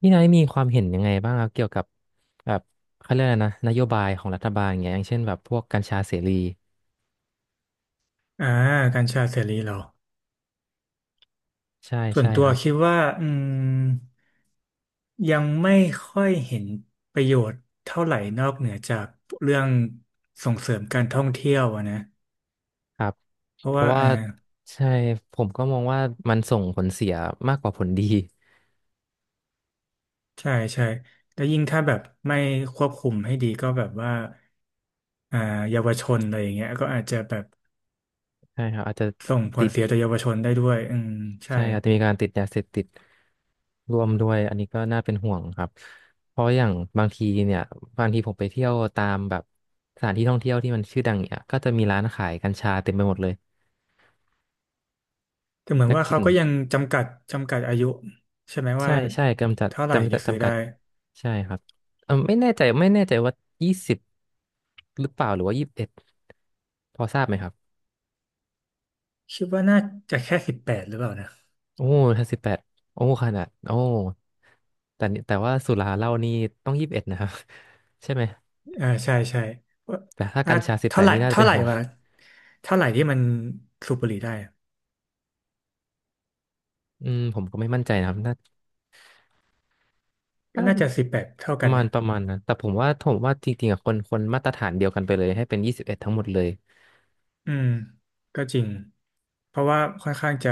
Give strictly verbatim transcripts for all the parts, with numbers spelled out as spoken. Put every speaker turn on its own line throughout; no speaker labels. พี่นายมีความเห็นยังไงบ้างครับเกี่ยวกับแบบเขาเรียกอะไรนะนโยบายของรัฐบาลอย่างเงี้ยอย่างเช่นแบบพวกกัญชาเสรี
อ่ากัญชาเสรีเหรอ
ใช่
ส่วน
ใช่
ตั
ค
ว
รับ
คิดว่าอืมยังไม่ค่อยเห็นประโยชน์เท่าไหร่นอกเหนือจากเรื่องส่งเสริมการท่องเที่ยวอะนะ
ครับ
เพ
เพ
ราะว่า
ราะว่า
อ่า
ใช่ผมก็มองว่ามันส่งผลเสียมากกว่าผลดี
ใช่ใช่แล้วยิ่งถ้าแบบไม่ควบคุมให้ดีก็แบบว่าอ่าเยาวชนอะไรอย่างเงี้ยก็อาจจะแบบ
ใช่ครับอาจจะ
ส่งผ
ติ
ล
ด
เสียต่อเยาวชนได้ด้วยอืมใช่
ใช่อาจจะมีการติดยาเสพติดร่วมด้วยอันนี้ก็น่าเป็นห่วงครับเพราะอย่างบางทีเนี่ยบางทีผมไปเที่ยวตามแบบสถานที่ท่องเที่ยวที่มันชื่อดังเนี่ยก็จะมีร้านขายกัญชาเต็มไปหมดเลย
แต่เหมือน
แล้ว
ว่า
กลิ่
เขา
น
ก็ยังจำกัดจำกัดอายุใช่ไหม
ใช่
ว่า
ใช่กำจัด
เท่าไหร่ถึง
จำกัด
จะซื้อ
จำกั
ได้
ดใช่ครับเออไม่แน่ใจไม่แน่ใจว่ายี่สิบหรือเปล่าหรือว่ายี่สิบเอ็ดพอทราบไหมครับ
คิดว่าน่าจะแค่สิบแปดหรือเปล่านะ
โอ้ถ้าสิบแปดโอ้ขนาดโอ้แต่นี่แต่ว่าสุราเหล้านี่ต้องยี่สิบเอ็ดนะครับ ใช่ไหม
อ่าใช่ใช่ว่า
แต่ถ้า
อ่า
กัญชาสิบแป
เท่า
ด
ไหร่
นี่น่าจะ
เท่า
เป็น
ไหร่
ห่วง
วะเท่าไหร่ที่มันสูบบุหรี่ได้อะ
อืมผมก็ไม่มั่นใจนะครับน่า
ก็
น่า
น่าจะสิบแปดเท่า
ป
กั
ระ
น
มาณ
นะ
ประมาณนะแต่ผมว่าผมว่าจริงๆอะคนคนมาตรฐานเดียวกันไปเลยให้เป็นยี่สิบเอ็ดทั้งหมดเลย
อืมก็จริงเพราะว่าค่อนข้างจะ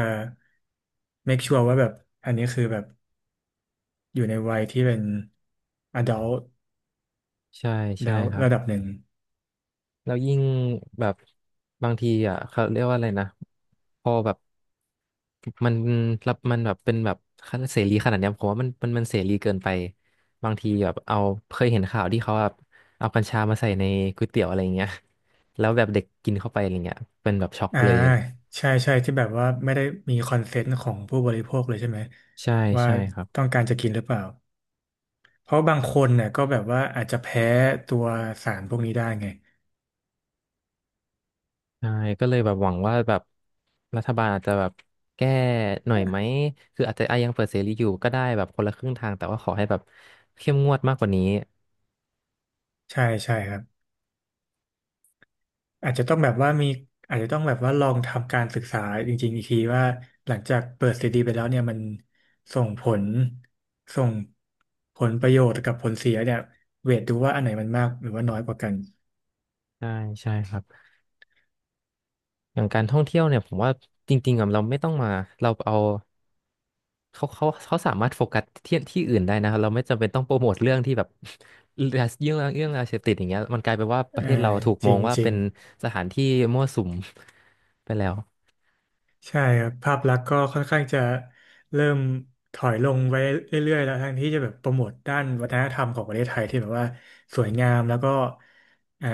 make sure ว่าแบบอันนี้คือแบบอยู่ในวัยที่เป็น adult
ใช่ใช่
แล้ว
ครับ
ระดับหนึ่ง
แล้วยิ่งแบบบางทีอ่ะเขาเรียกว่าอะไรนะพอแบบมันรับมันแบบเป็นแบบเสรีขนาดเนี้ยผมว่ามันมันมันเสรีเกินไปบางทีแบบเอาเคยเห็นข่าวที่เขาแบบเอากัญชามาใส่ในก๋วยเตี๋ยวอะไรอย่างเงี้ยแล้วแบบเด็กกินเข้าไปอะไรเงี้ยเป็นแบบช็อก
อ่า
เลย
ใช่ใช่ที่แบบว่าไม่ได้มีคอนเซนต์ของผู้บริโภคเลยใช่ไหม
ใช่
ว่า
ใช่ครับ
ต้องการจะกินหรือเปล่า เพราะบางคนเนี่ยก็แบบว่าอาจจะแพ้ตัวสารพวกนี้ได้ไง
ใช่ก็เลยแบบหวังว่าแบบรัฐบาลอาจจะแบบแก้หน่อยไหมคืออาจจะอ่ะยังเปิดเสรีอยู่ก็ได้แบบคนละครึ่งทางแต่ว่าขอให้แบบเข้มงวดมากกว่านี้
ใช่ใช่ครับอาจจะต้องแบบว่ามีอาจจะต้องแบบว่าลองทำการศึกษาจริงๆอีกทีว่าหลังจากเปิดซีดีไปแล้วเนี่ยมันส่งผลส่งผลประโยชน์กับผลเสียเนี่ยเวทดูว่าอันไหนมันมากหรือว่าน้อยกว่ากัน
ใช่ใช่ครับ อย่างการท่องเที่ยวเนี่ยผมว่าจริงๆอะเราไม่ต้องมาเราเอาเขาเขาเขาสามารถโฟกัสที่ที่อื่นได้นะครับเราไม่จำเป็นต้องโปรโมทเรื่องที่แบบ เรื่องเรื่องเรื่องยาเสพติดอย่างเงี้ยมันกลายเป็นว่าประเท
อ่า
ศเราถูก
จ
มอ
ริ
ง
ง
ว่า
จริ
เป็
ง
นสถานที่มั่วสุม ไปแล้ว
ใช่ครับภาพลักษณ์ก็ค่อนข้างจะเริ่มถอยลงไว้เรื่อยๆแล้วทั้งที่จะแบบโปรโมทด้านวัฒนธรรมของประเทศไทยที่แบบว่าสวยงามแล้วก็เอ่อ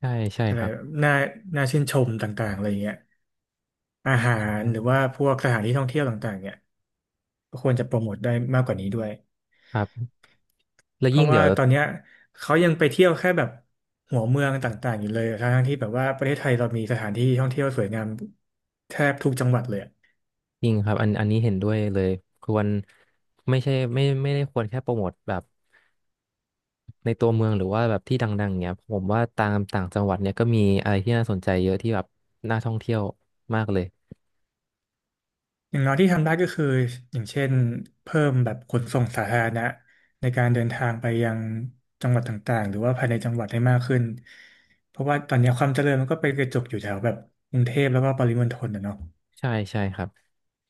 ใช่ใช่
อะ
ค
ไร
รับ
น่าน่าชื่นชมต่างๆอะไรอย่างเงี้ยอาหา
ใ
รหรือ
ช่
ว่าพวกสถานที่ท่องเที่ยวต่างๆเนี่ยก็ควรจะโปรโมทได้มากกว่านี้ด้วย
ครับแล้ว
เพ
ยิ่ง
ราะ
เดี๋
ว่า
ยว
ตอนเนี้ยเขายังไปเที่ยวแค่แบบหัวเมืองต่างๆอยู่เลยทั้งๆที่แบบว่าประเทศไทยเรามีสถานที่ท่องเที่ยวสวยงามแทบทุกจังหวัดเลยอะ
จริงครับอันอันนี้เห็นด้วยเลยควรไม่ใช่ไม่ไม่ได้ควรแค่โปรโมทแบบ ในตัวเมืองหรือว่าแบบที่ดังๆเนี้ยผมว่าตามต่างจังหวัดเนี่ยก็มีอะไรที่น่าสนใจเยอะที่แบบน่าท่องเที่ยวมากเลย
อย่างน้อยที่ทำได้ก็คืออย่างเช่นเพิ่มแบบขนส่งสาธารณะในการเดินทางไปยังจังหวัดต่างๆหรือว่าภายในจังหวัดให้มากขึ้นเพราะว่าตอนนี้ความเจริญมันก็ไปกระจุกอยู่แถวแบบกรุงเทพแล้วก็ปริมณฑลนะเนาะ
ใช่ใช่ครับ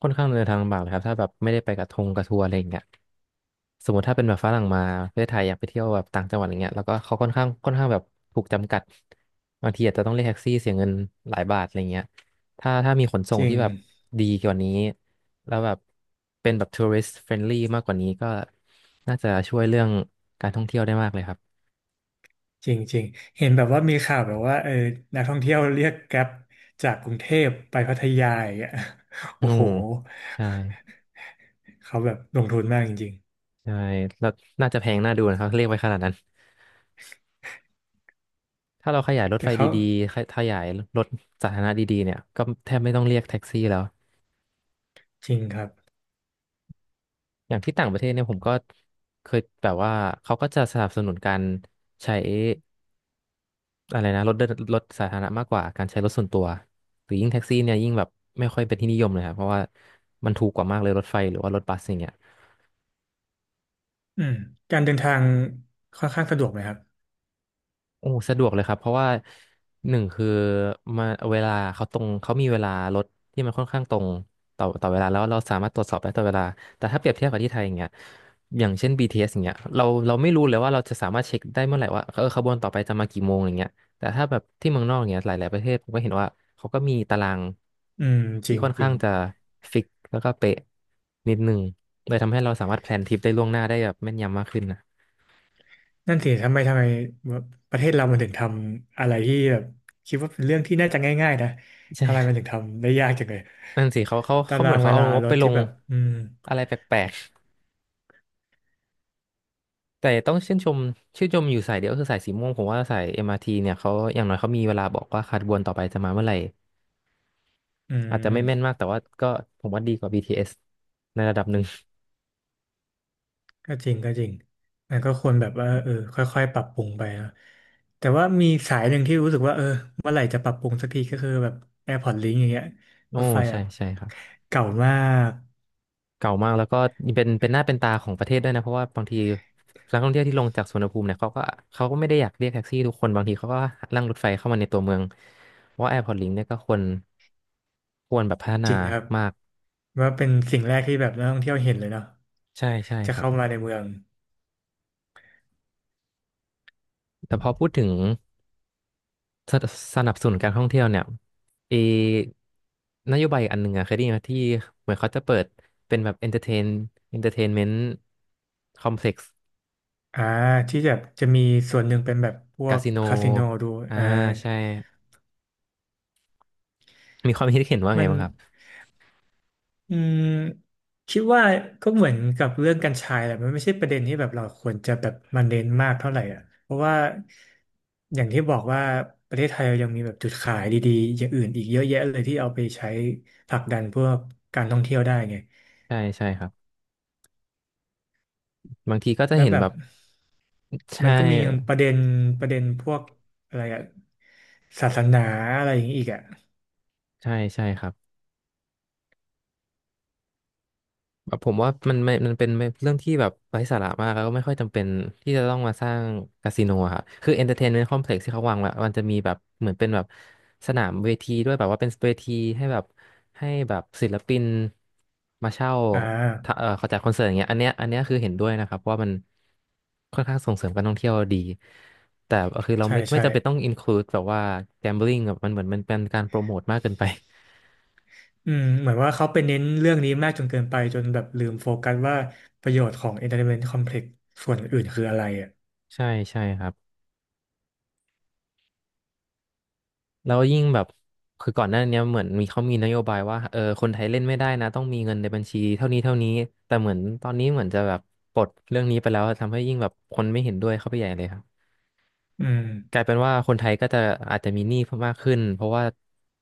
ค่อนข้างเดินทางลำบากเลยครับถ้าแบบไม่ได้ไปกับทงกับทัวร์อะไรอย่างเงี้ยสมมติถ้าเป็นแบบฝรั่งมาประเทศไทยอยากไปเที่ยวแบบต่างจังหวัดอย่างเงี้ยแล้วก็เขาค่อนข้างค่อนข้างแบบถูกจำกัดบางทีอาจจะต้องเรียกแท็กซี่เสียเงินหลายบาทอะไรเงี้ยถ้าถ้ามีขนส่
จ
ง
ริ
ที่
ง
แบบดีกว่านี้แล้วแบบเป็นแบบทัวริส t f เฟรนลี่มากกว่านี้ก็น่าจะช่วยเรื่องการท่องเที่ยวได้มากเลยครับ
จริงจริงเห็นแบบว่ามีข่าวแบบว่าเออนักท่องเที่ยวเรียกแกร็บจากกรุงเทพไปพัทยาอย่างเงี้ย
โอ้
โอ้โห
ใช่
เขาแบบลงทุนมากจริง
ใช่แล้วน่าจะแพงน่าดูนะครับเรียกไว้ขนาดนั้นถ้าเราขยายร
ๆ
ถ
แต่
ไฟ
เขา
ดีๆขยขยายรถสาธารณะดีๆเนี่ยก็แทบไม่ต้องเรียกแท็กซี่แล้ว
จริงครับ
อย่างที่ต่างประเทศเนี่ยผมก็เคยแบบว่าเขาก็จะสนับสนุนการใช้อะไรนะรถเดินรถสาธารณะมากกว่าการใช้รถส่วนตัวหรือยิ่งแท็กซี่เนี่ยยิ่งแบบไม่ค่อยเป็นที่นิยมเลยครับเพราะว่ามันถูกกว่ามากเลยรถไฟหรือว่ารถบัสอย่างเงี้ย
อืมการเดินทางค่อนข้างสะดวกไหมครับ
โอ้สะดวกเลยครับเพราะว่าหนึ่งคือมาเวลาเขาตรงเขามีเวลารถที่มันค่อนข้างตรงต่อต่อเวลาแล้วเราสามารถตรวจสอบได้ต่อเวลาแต่ถ้าเปรียบเทียบกับที่ไทยอย่างเงี้ยอย่างเช่น บี ที เอส อสอย่างเงี้ยเราเราไม่รู้เลยว่าเราจะสามารถเช็คได้เมื่อไหร่ว่าเออขบวนต่อไปจะมากี่โมงอะไรเงี้ยแต่ถ้าแบบที่เมืองนอกอย่างเงี้ยหลายๆประเทศผมก็เห็นว่าเขาก็มีตาราง
อืมจ
ที่
ริง
ค่อน
จริ
ข้า
ง
งจะฟิกแล้วก็เป๊ะนิดนึงเลยทำให้เราสามารถแพลนทริปได้ล่วงหน้าได้แบบแม่นยำมากขึ้นนะ
นั่นสิทำไมทำไมประเทศเรามันถึงทำอะไรที่แบบคิดว่าเป็นเรื่องที่น่าจะง่ายๆนะทำไมมัน
ใช่
ถึงทำได้ยากจังเลย
นั่นสิเขาเขา
ตา
เขาเห
รา
มือ
ง
นเขา
เว
เอา
ลา
งบ
ร
ไป
ถ
ล
ที่
ง
แบบอืม
อะไรแปลกๆแต่ต้องชื่นชมชื่นชมอยู่สายเดียวคือสายสีม่วงผมว่าสาย เอ็ม อาร์ ที เนี่ยเขาอย่างน้อยเขามีเวลาบอกว่าขบวนต่อไปจะมาเมื่อไหร่
อื
อาจจะไม่แม่นมา
ม
กแต่ว่าก็ผมว่าดีกว่า บี ที เอส ในระดับหนึ่ง
ก็จริงก็จริงมันก็ควรแบบว่าเออค่อยๆปรับปรุงไปนะแต่ว่ามีสายหนึ่งที่รู้สึกว่าเออเมื่อไหร่จะปรับปรุงสักทีก็คือแบบ AirPods Link อย่างเงี้ย
โอ้
รถไฟแบ
ใช่
บ
ใช่ครับ
เก่ามาก
เก่ามากแล้วก็เป็นเป็นหน้าเป็นตาของประเทศด้วยนะเพราะว่าบางทีนักท่องเที่ยวที่ลงจากสุวรรณภูมิเนี่ยเขาก็เขาก็ไม่ได้อยากเรียกแท็กซี่ทุกคนบางทีเขาก็นั่งรถไฟเข้ามาในตัวเมืองเพราะว่าแอร์พอร์ตลิงเนี่ยก็ควรควรแบบพัฒ
จ
นา
ริงครับ
มาก
ว่าเป็นสิ่งแรกที่แบบนักท่องเที่ยวเห็นเลยเนาะ
ใช่ใช่
จะ
ครับ
เข้ามาในเมือง
แต่พอพูดถึงสสนับสนุนการท่องเที่ยวเนี่ยเอนโยบายอันหนึ่งอะเคยได้ยินไหมที่เหมือนเขาจะเปิดเป็นแบบเอนเตอร์เทนเอนเตอร์เทนเมนต์คอมเพล็กซ์
อ่าที่จะจะมีส่วนหนึ่งเป็นแบบพว
คา
ก
สิโน
คาสิโนดู
อ่า
อ่า
ใช่มีความคิดเห็นว่าไง
มัน
บ้างครับ
อืมคิดว่าก็เหมือนกับเรื่องกัญชาแหละมันไม่ใช่ประเด็นที่แบบเราควรจะแบบมาเน้นมากเท่าไหร่อ่ะเพราะว่าอย่างที่บอกว่าประเทศไทยเรายังมีแบบจุดขายดีๆอย่างอื่นอีกเยอะแยะเลยที่เอาไปใช้ผลักดันพวกการท่องเที่ยวได้ไง
ใช่ใช่ครับบางทีก็จะ
แล้ว
เห็น
แบ
แบ
บ
บใช
มันก็มีป
่
ระเด็นประเด็นพวกอะไรอะศาสนาอะไรอย่างนี้อีกอะ
ใช่ใช่ครับ แบบผมว่ามันไม่มันเป็นเรื่องที่แบบไร้สาระมากแล้วก็ไม่ค่อยจำเป็นที่จะต้องมาสร้างคาสิโนอะครับคือเอนเตอร์เทนเมน o ์คอมเพล็กซ์ที่เขาวางไว้มันจะมีแบบเหมือนเป็นแบบสนามเวทีด้วยแบบว่าเป็นเวทีให้แบบให้แบบศิลปินมาเช่า
อ่า
ถ้าเออเขาจัดคอนเสิร์ตอย่างเงี้ยอันเนี้ยอันเนี้ยคือเห็นด้วยนะครับว่ามันค่อนข้างส่งเสริมการท่องเที่ยวดี แต่คือเรา
ใช่
ไม่ไม่
ใช่
จำเป็นต้องอินคลูดแบบว่า gambling แบบมันเหมือนมันเป็นการโปรโมทมากเกินไป
อืมเหมือนว่าเขาไปเน้นเรื่องนี้มากจนเกินไปจนแบบลืมโฟกัสว่าประโยชน์ของ Entertainment Complex ส่วนอื่นคืออะไรอ่ะ
ใช่ใช่ครับ แล้วยิ่งแบบคือก่อนหน้าเนี้ยเหมือนมีเขามีนโยบายว่าเออคนไทยเล่นไม่ได้นะต้องมีเงินในบัญชีเท่านี้เท่านี้แต่เหมือนตอนนี้เหมือนจะแบบปลดเรื่องนี้ไปแล้วทำให้ยิ่งแบบคนไม่เห็นด้วยเข้าไปใหญ่เลยครับ
อืม
กลายเป็นว่าคนไทยก็จะอาจจะมีหนี้เพิ่มมากขึ้นเพราะว่า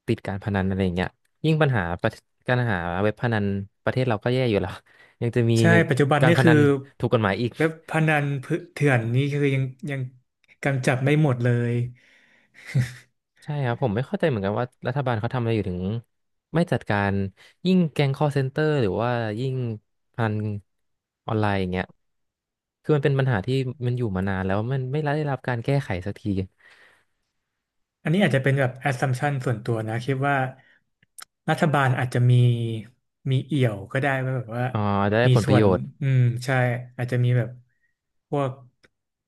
ติดการพนันอะไรอย่างเงี้ยยิ่งปัญหาประการหาเว็บพนันประเทศเราก็แย่อยู่แล้ว ยังจะมี
ใช่ ปัจจุบัน
การ
นี่
พ
คื
นั
อ
นถูกกฎหมายอีก
เว็บพนันเถื่อนนี่คือยังยังกำจัดไม่หมดเลย
ใช่ครับผมไม่เข้าใจเหมือนกันว่ารัฐบาลเขาทำอะไรอยู่ถึงไม่จัดการยิ่งแก๊ง call center หรือว่ายิ่งพนันออนไลน์อย่างเงี้ยคือมันเป็นปัญหาที่มันอยู่มานานแล้วมันไม่ได้รับการแก้ไขสักที
อันนี้อาจจะเป็นแบบ assumption ส่วนตัวนะคิดว่ารัฐบาลอาจจะมีมีเอี่ยวก็ได้ว่าแบบว่า
อ๋อได้
มี
ผลป
ส่
ระ
ว
โย
น
ชน์
อืมใช่อาจจะมีแบบพวก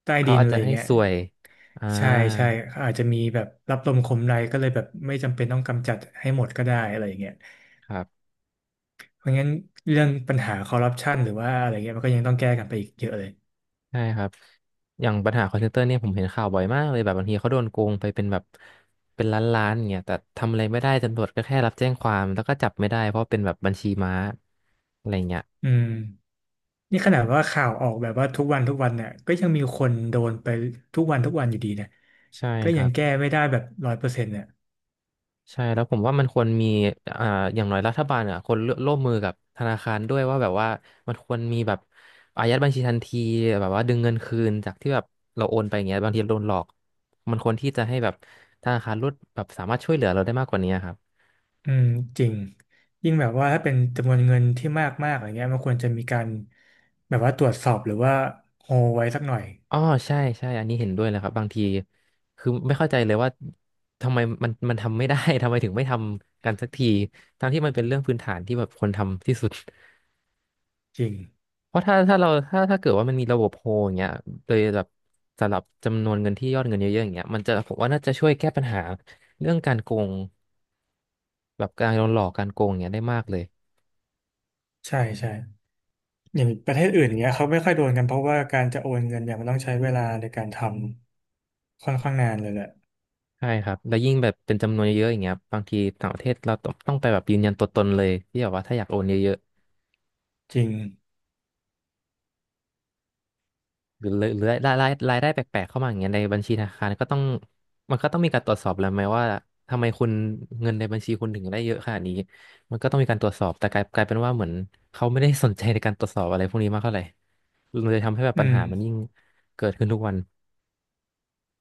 ใต้
เขา
ดิน
อาจ
อะไร
จะ
อย่า
ให้
งเงี้ย
ส่วยอ่า
ใช่ใช่อาจจะมีแบบรับลมคมในก็เลยแบบไม่จำเป็นต้องกำจัดให้หมดก็ได้อะไรอย่างเงี้ย
ครับ
เพราะงั้นเรื่องปัญหาคอร์รัปชันหรือว่าอะไรเงี้ยมันก็ยังต้องแก้กันไปอีกเยอะเลย
ใช่ครับอย่างปัญหาค a l l นเตอร์เนี่ยผมเห็นข่าวบ่อยมากเลยแบบบางทีเขาโดนโกงไปเป็นแบบเป็นล้านล้านเนี่ยแต่ทำอะไรไม่ได้ตำรวจก็แค่รับแจ้งความแล้วก็จับไม่ได้เพราะเป็นแบบบัญชีม้าอะไรเงี้ย
อืม นี่ขนาดว่าข่าวออกแบบว่าทุกวันทุกวันเนี่ยก็ยังมีคนโดนไปทุกวันทุกวันอยู่ดีเนี่ย
ใช่
ก็
ค
ยั
รั
ง
บ
แก้ไม่ได้แบบร้อยเปอร์เซ็นต์เนี่ย
ใช่แล้วผมว่ามันควรมีอ่าอย่างน้อยรัฐบาลอ่ะคนร่วมมือกับธนาคารด้วยว่าแบบว่ามันควรมีแบบอายัดบัญชีทันทีแบบว่าดึงเงินคืนจากที่แบบเราโอนไปอย่างเงี้ยบางทีโดนหลอกมันควรที่จะให้แบบธนาคารลดแบบสามารถช่วยเหลือเราได้มากกว่านี้ครับ
อืมจริงยิ่งแบบว่าถ้าเป็นจำนวนเงินที่มากมากอะไรเงี้ยมันควรจะมีการแบบว่าตรวจสอบหรือว่าโฮไว้สักหน่อย
อ๋อใช่ใช่อันนี้เห็นด้วยเลยครับบางทีคือไม่เข้าใจเลยว่าทำไมมัน มันทำไม่ได้ ทำไมถึงไม่ทำกันสักทีทั้งที่มันเป็นเรื่องพื้นฐานที่แบบคนทำที่สุด
จริง
เพราะถ้าถ้าเราถ้าถ้าเกิดว่ามันมีระบบโฮอย่างเงี้ยโดยแบบสำหรับจำนวนเงินที่ยอดเงินเยอะๆอย่างเงี้ยมันจะผมว่าน่าจะช่วยแก้ปัญหาเรื่องการโกงแบบการโดนหลอกการโกงอย่างเงี้ยได้มากเลย
ใช่ใช่อย่างประเทศอื่นอย่างเงี้ยเขาไม่ค่อยโดนกันเพราะว่าการจะโอนเงินเนี่ยมันต้องใช้เวลาในการทำค่อนข้างนานเลยแหละ
ใช่ครับแล้วยิ่งแบบเป็นจำนวนเยอะๆอย่างเงี้ยบางทีต่างประเทศเราต้องต้องไปแบบยืนยันตัวตนเลยที่แบบว่าถ้าอยากโอนเยอะ
จริง
หรือหรือรายรายรายได้แปลกๆเข้ามาอย่างเงี้ยในบัญชีธนาคารก็ต้องมันก็ต้องมีการตรวจสอบแล้วไหมว่าทำไมคุณเงินในบัญชีคุณถึงได้เยอะขนาดนี้มันก็ต้องมีการตรวจสอบแต่กลายกลายเป็นว่าเหมือนเขาไม่ได้สนใจในการตรวจสอบอะไรพวกนี้มากเท่าไหร่มันเลยทำให้แบบ
อื
ปัญหามันยิ่
ม
งเกิดขึ้นทุกวัน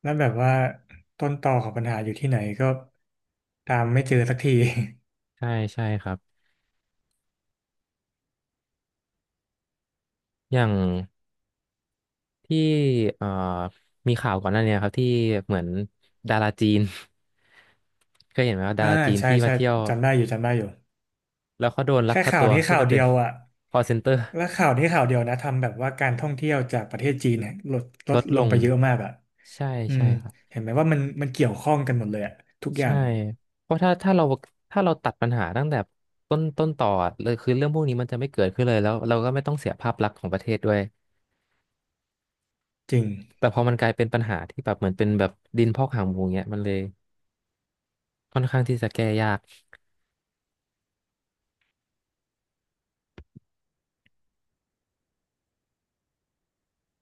แล้วแบบว่าต้นตอของปัญหาอยู่ที่ไหนก็ตามไม่เจอสักที
ใช่ใช่ครับอย่างที่เอ่อมีข่าวก่อนหน้าเนี้ยครับที่เหมือนดาราจีน เคยเห็นไหมว่าดา
อ่า
ราจีน
ใช่
ที่มา
ใช่
เที่ยว
จำได้อยู่จำได้อยู่
แล้วเขาโดนลัก
แค่
พา
ข่า
ตั
ว
ว
นี้
เพื่อ
ข่า
ไป
วเดี
เป็น
ยวอ่ะ
call center
แล้วข่าวนี้ข่าวเดียวนะทำแบบว่าการท่องเที่ยวจากประเทศจีนเนี่ยลดล
ล
ด
ด
ล
ล
ง
ง
ไปเยอะมากอ่ะ
ใช่
อื
ใช่
ม
ครับ
เห็นไหมว่ามันมันเกี่ยวข้องกันหมดเลยอ่ะทุกอย่า
ใช่
ง
เพราะถ้าถ้าเราถ้าเราตัดปัญหาตั้งแต่ต้นต้นต่อเลยคือเรื่องพวกนี้มันจะไม่เกิดขึ้นเลยแล้วเราก็ไม่ต้องเสียภาพลักษณ์ของประเทศด้วย
จริง
แต่พอมันกลายเป็นปัญหาที่แบบเหมือนเป็นแบบดินพอกหางหมูเงี้ยมันเลยค่อนข้างที่จะแก้ยาก